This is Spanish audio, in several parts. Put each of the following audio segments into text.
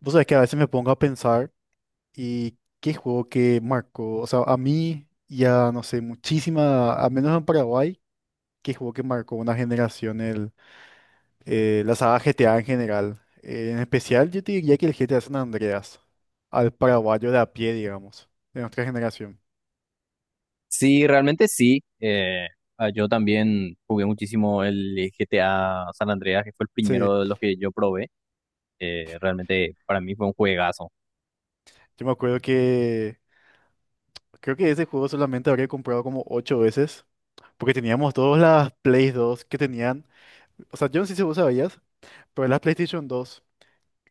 Vos sabés que a veces me pongo a pensar y qué juego que marcó, o sea, a mí ya no sé, muchísima, al menos en Paraguay, qué juego que marcó una generación, la saga GTA en general. En especial yo te diría que el GTA San Andreas, al paraguayo de a pie, digamos, de nuestra generación. Sí, realmente sí. Yo también jugué muchísimo el GTA San Andreas, que fue el Sí, primero de los que yo probé. Realmente para mí fue un juegazo. yo me acuerdo que creo que ese juego solamente habría comprado como ocho veces, porque teníamos todas las Play dos que tenían. O sea, yo no sé si vos sabías, pero las PlayStation dos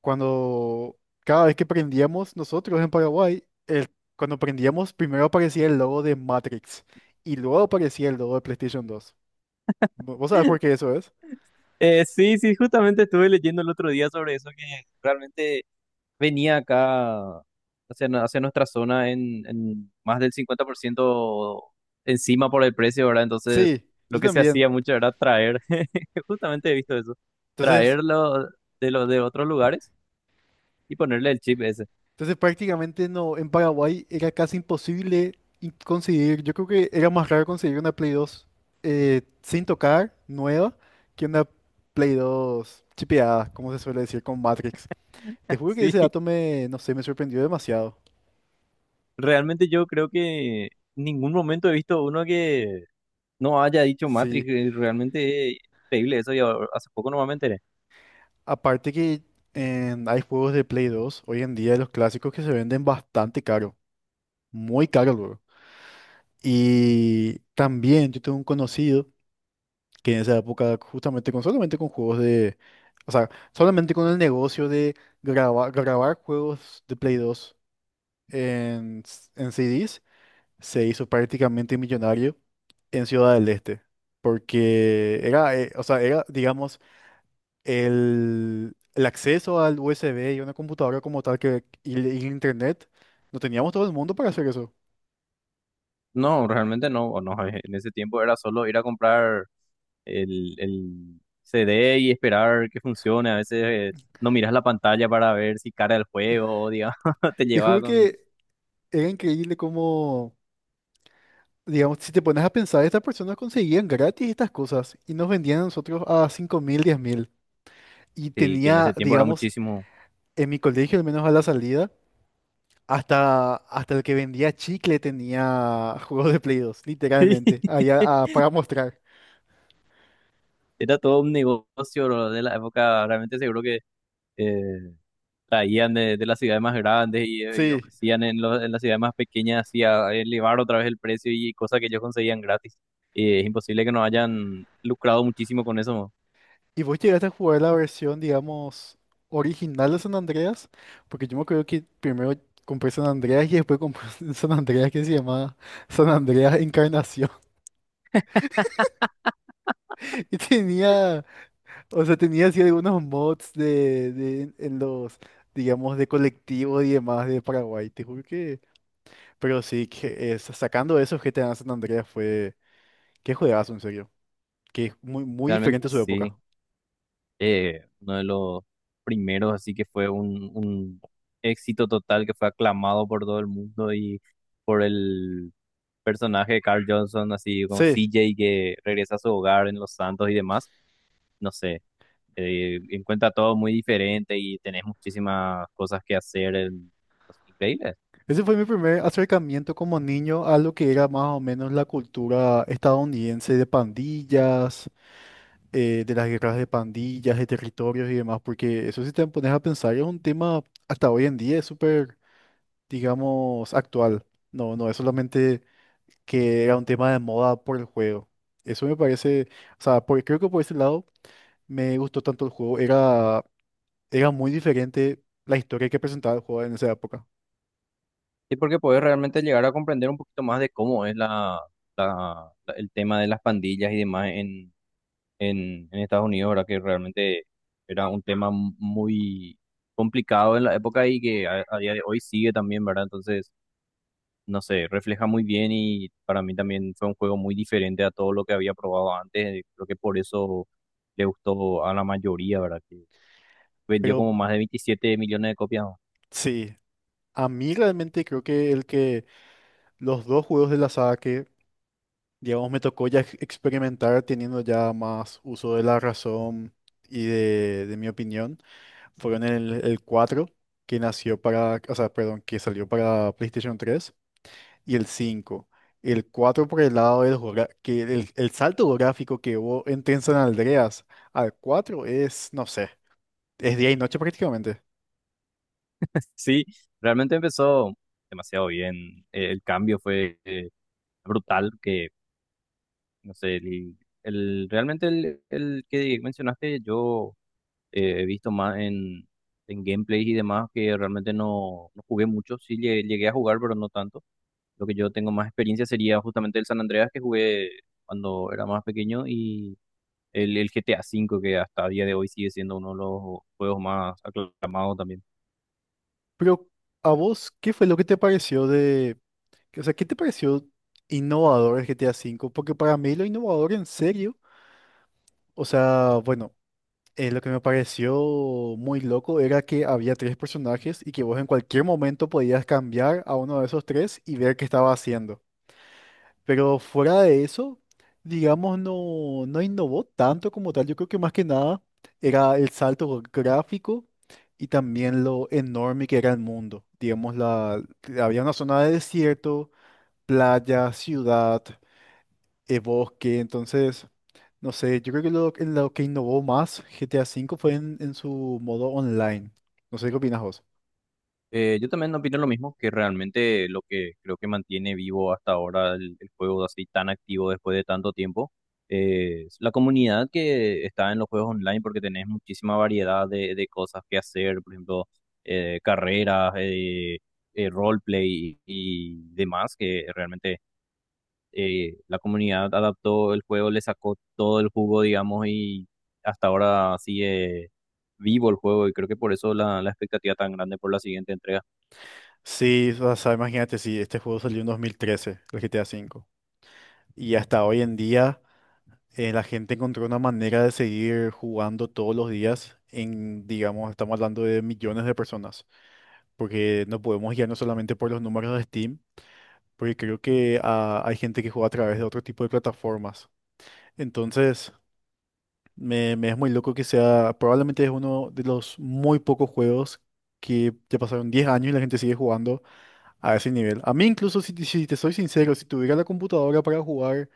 cuando cada vez que prendíamos nosotros en Paraguay, cuando prendíamos primero aparecía el logo de Matrix y luego aparecía el logo de PlayStation dos. ¿Vos sabés por qué eso es? Sí, sí, justamente estuve leyendo el otro día sobre eso, que realmente venía acá hacia nuestra zona en más del 50% encima por el precio, ¿verdad? Entonces, Sí, yo lo que se también. hacía mucho era traer, justamente he visto eso, Entonces, traerlo de otros lugares y ponerle el chip ese. entonces, prácticamente no, en Paraguay era casi imposible conseguir. Yo creo que era más raro conseguir una Play dos sin tocar, nueva, que una Play dos chipeada, como se suele decir, con Matrix. Te juro que ese Sí, dato me, no sé, me sorprendió demasiado. realmente yo creo que en ningún momento he visto uno que no haya dicho Matrix. Sí. Realmente es increíble eso. Y hace poco no me enteré. Aparte que hay juegos de Play 2 hoy en día, los clásicos que se venden bastante caro, muy caro, luego. Y también yo tengo un conocido que en esa época, justamente con solamente con juegos de, o sea, solamente con el negocio de grabar juegos de Play 2 en CDs, se hizo prácticamente millonario en Ciudad del Este. Porque era, o sea, era, digamos, el acceso al USB y una computadora como tal y el internet, no teníamos todo el mundo para hacer eso. No, realmente no. O no, en ese tiempo era solo ir a comprar el CD y esperar que funcione. A veces no miras la pantalla para ver si cara el juego o, digamos, te Te llevaba juro con. que era increíble cómo, digamos, si te pones a pensar, estas personas conseguían gratis estas cosas y nos vendían a nosotros a 5.000, 10.000. Y Sí, que en tenía, ese tiempo era digamos, muchísimo. en mi colegio, al menos a la salida, hasta el que vendía chicle tenía juegos de Play dos literalmente, ahí para mostrar. Sí, era todo un negocio lo de la época. Realmente seguro que eh, traían de las ciudades más grandes y Sí. ofrecían en las ciudades más pequeñas así a elevar otra vez el precio y cosas que ellos conseguían gratis. Y es imposible que no hayan lucrado muchísimo con eso, ¿no? ¿Y vos llegaste a jugar la versión, digamos, original de San Andreas? Porque yo me acuerdo que primero compré San Andreas y después compré un San Andreas que se llamaba San Andreas Encarnación. Y tenía, o sea, tenía así algunos mods en los, digamos, de colectivo y demás de Paraguay. Te juro que. Pero sí, que sacando eso, GTA San Andreas fue. Qué juegazo, en serio. Que es muy, muy Realmente diferente a su época. sí, uno de los primeros, así que fue un éxito total que fue aclamado por todo el mundo y por el personaje de Carl Johnson, así como Sí. CJ, que regresa a su hogar en Los Santos y demás. No sé, encuentra todo muy diferente y tenés muchísimas cosas que hacer. En- es Ese fue mi primer acercamiento como niño a lo que era más o menos la cultura estadounidense de pandillas, de las guerras de pandillas, de territorios y demás, porque eso, si te pones a pensar, es un tema hasta hoy en día, es súper, digamos, actual. No, no es solamente que era un tema de moda por el juego. Eso me parece, o sea, creo que por ese lado me gustó tanto el juego. Era muy diferente la historia que presentaba el juego en esa época. Y porque podés realmente llegar a comprender un poquito más de cómo es el tema de las pandillas y demás en Estados Unidos, ¿verdad? Que realmente era un tema muy complicado en la época y que a día de hoy sigue también, ¿verdad? Entonces, no sé, refleja muy bien, y para mí también fue un juego muy diferente a todo lo que había probado antes. Creo que por eso le gustó a la mayoría, ¿verdad? Que vendió Pero como más de 27 millones de copias, ¿no? sí. A mí realmente creo que el que los dos juegos de la saga que, digamos, me tocó ya experimentar teniendo ya más uso de la razón y de mi opinión, fueron el 4, que nació para, o sea, perdón, que salió para PlayStation tres, y el cinco. El 4 por el lado que el salto gráfico que hubo entre San Andreas al 4 es, no sé, es día y noche prácticamente. Sí, realmente empezó demasiado bien. El cambio fue brutal, que no sé, realmente el que mencionaste yo he visto más en gameplays y demás, que realmente no jugué mucho. Sí llegué a jugar, pero no tanto. Lo que yo tengo más experiencia sería justamente el San Andreas, que jugué cuando era más pequeño, y el GTA 5, que hasta a día de hoy sigue siendo uno de los juegos más aclamados también. Pero a vos, ¿qué fue lo que te pareció de? O sea, ¿qué te pareció innovador el GTA V? Porque para mí lo innovador en serio, o sea, bueno, lo que me pareció muy loco era que había tres personajes y que vos en cualquier momento podías cambiar a uno de esos tres y ver qué estaba haciendo. Pero fuera de eso, digamos, no, no innovó tanto como tal. Yo creo que más que nada era el salto gráfico y también lo enorme que era el mundo. Digamos, había una zona de desierto, playa, ciudad, bosque. Entonces, no sé, yo creo que en lo que innovó más GTA V fue en su modo online. No sé qué opinas vos. Yo también opino lo mismo, que realmente lo que creo que mantiene vivo hasta ahora el juego así tan activo después de tanto tiempo es la comunidad que está en los juegos online, porque tenés muchísima variedad de cosas que hacer, por ejemplo, carreras, roleplay y demás, que realmente la comunidad adaptó el juego, le sacó todo el jugo, digamos, y hasta ahora sigue vivo el juego, y creo que por eso la expectativa tan grande por la siguiente entrega. Sí, o sea, imagínate, si este juego salió en 2013 el GTA V. Y hasta hoy en día, la gente encontró una manera de seguir jugando todos los días. En, digamos, estamos hablando de millones de personas. Porque no podemos guiarnos solamente por los números de Steam, porque creo que hay gente que juega a través de otro tipo de plataformas. Entonces. Me es muy loco que sea, probablemente es uno de los muy pocos juegos que ya pasaron 10 años y la gente sigue jugando a ese nivel. A mí incluso, si te soy sincero, si tuviera la computadora para jugar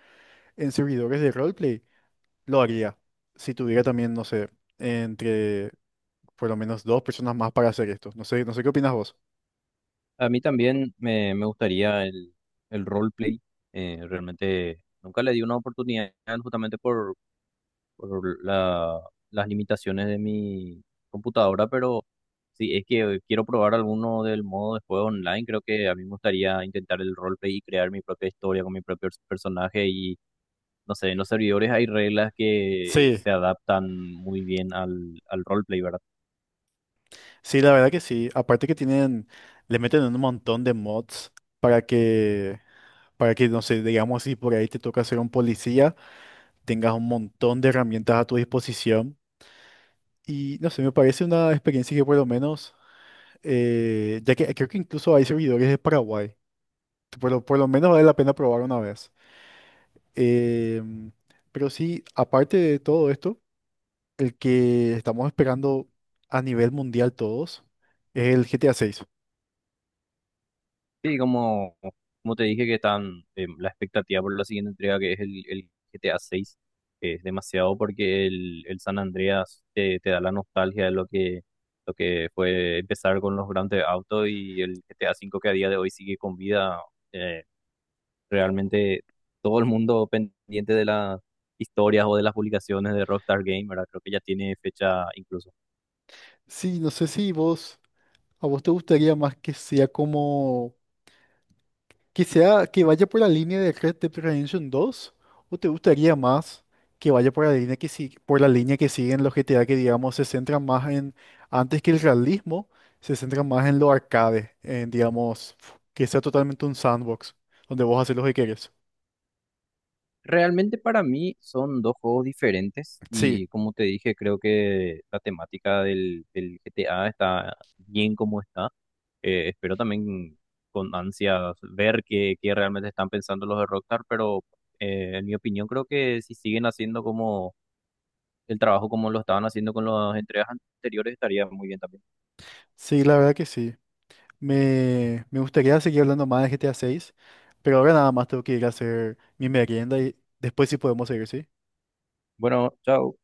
en servidores de roleplay, lo haría. Si tuviera también, no sé, entre por lo menos dos personas más para hacer esto. No sé, qué opinas vos. A mí también me gustaría el roleplay. Realmente nunca le di una oportunidad justamente por las limitaciones de mi computadora, pero si es que quiero probar alguno del modo de juego online, creo que a mí me gustaría intentar el roleplay y crear mi propia historia con mi propio personaje, y no sé, en los servidores hay reglas que Sí, se adaptan muy bien al roleplay, ¿verdad? sí, la verdad que sí. Aparte que tienen, le meten un montón de mods para que, para que, no sé, digamos, si por ahí te toca ser un policía, tengas un montón de herramientas a tu disposición. Y no sé, me parece una experiencia que por lo menos, ya que creo que incluso hay servidores de Paraguay, por lo menos vale la pena probar una vez. Em, pero sí, aparte de todo esto, el que estamos esperando a nivel mundial todos es el GTA seis. Sí, como te dije, que están, la expectativa por la siguiente entrega, que es el GTA 6, es demasiado, porque el San Andreas te da la nostalgia de lo que fue empezar con los Grand Theft Auto, y el GTA 5, que a día de hoy sigue con vida eh, realmente, todo el mundo pendiente de las historias o de las publicaciones de Rockstar Game, ¿verdad? Creo que ya tiene fecha incluso. Sí, no sé si vos, a vos te gustaría más que sea como que sea, que vaya por la línea de Red Dead Redemption 2, o te gustaría más que vaya por la línea que si- por la línea que siguen los GTA, que digamos se centran más en, antes que el realismo, se centran más en lo arcade, en, digamos, que sea totalmente un sandbox donde vos haces lo que quieres. Realmente para mí son dos juegos diferentes, Sí, y como te dije, creo que la temática del GTA está bien como está. Espero también con ansias ver qué realmente están pensando los de Rockstar, pero en mi opinión, creo que si siguen haciendo como el trabajo como lo estaban haciendo con las entregas anteriores, estaría muy bien también. sí, la verdad que sí. Me gustaría seguir hablando más de GTA 6, pero ahora nada más tengo que ir a hacer mi merienda y después sí podemos seguir, ¿sí? Bueno, chao.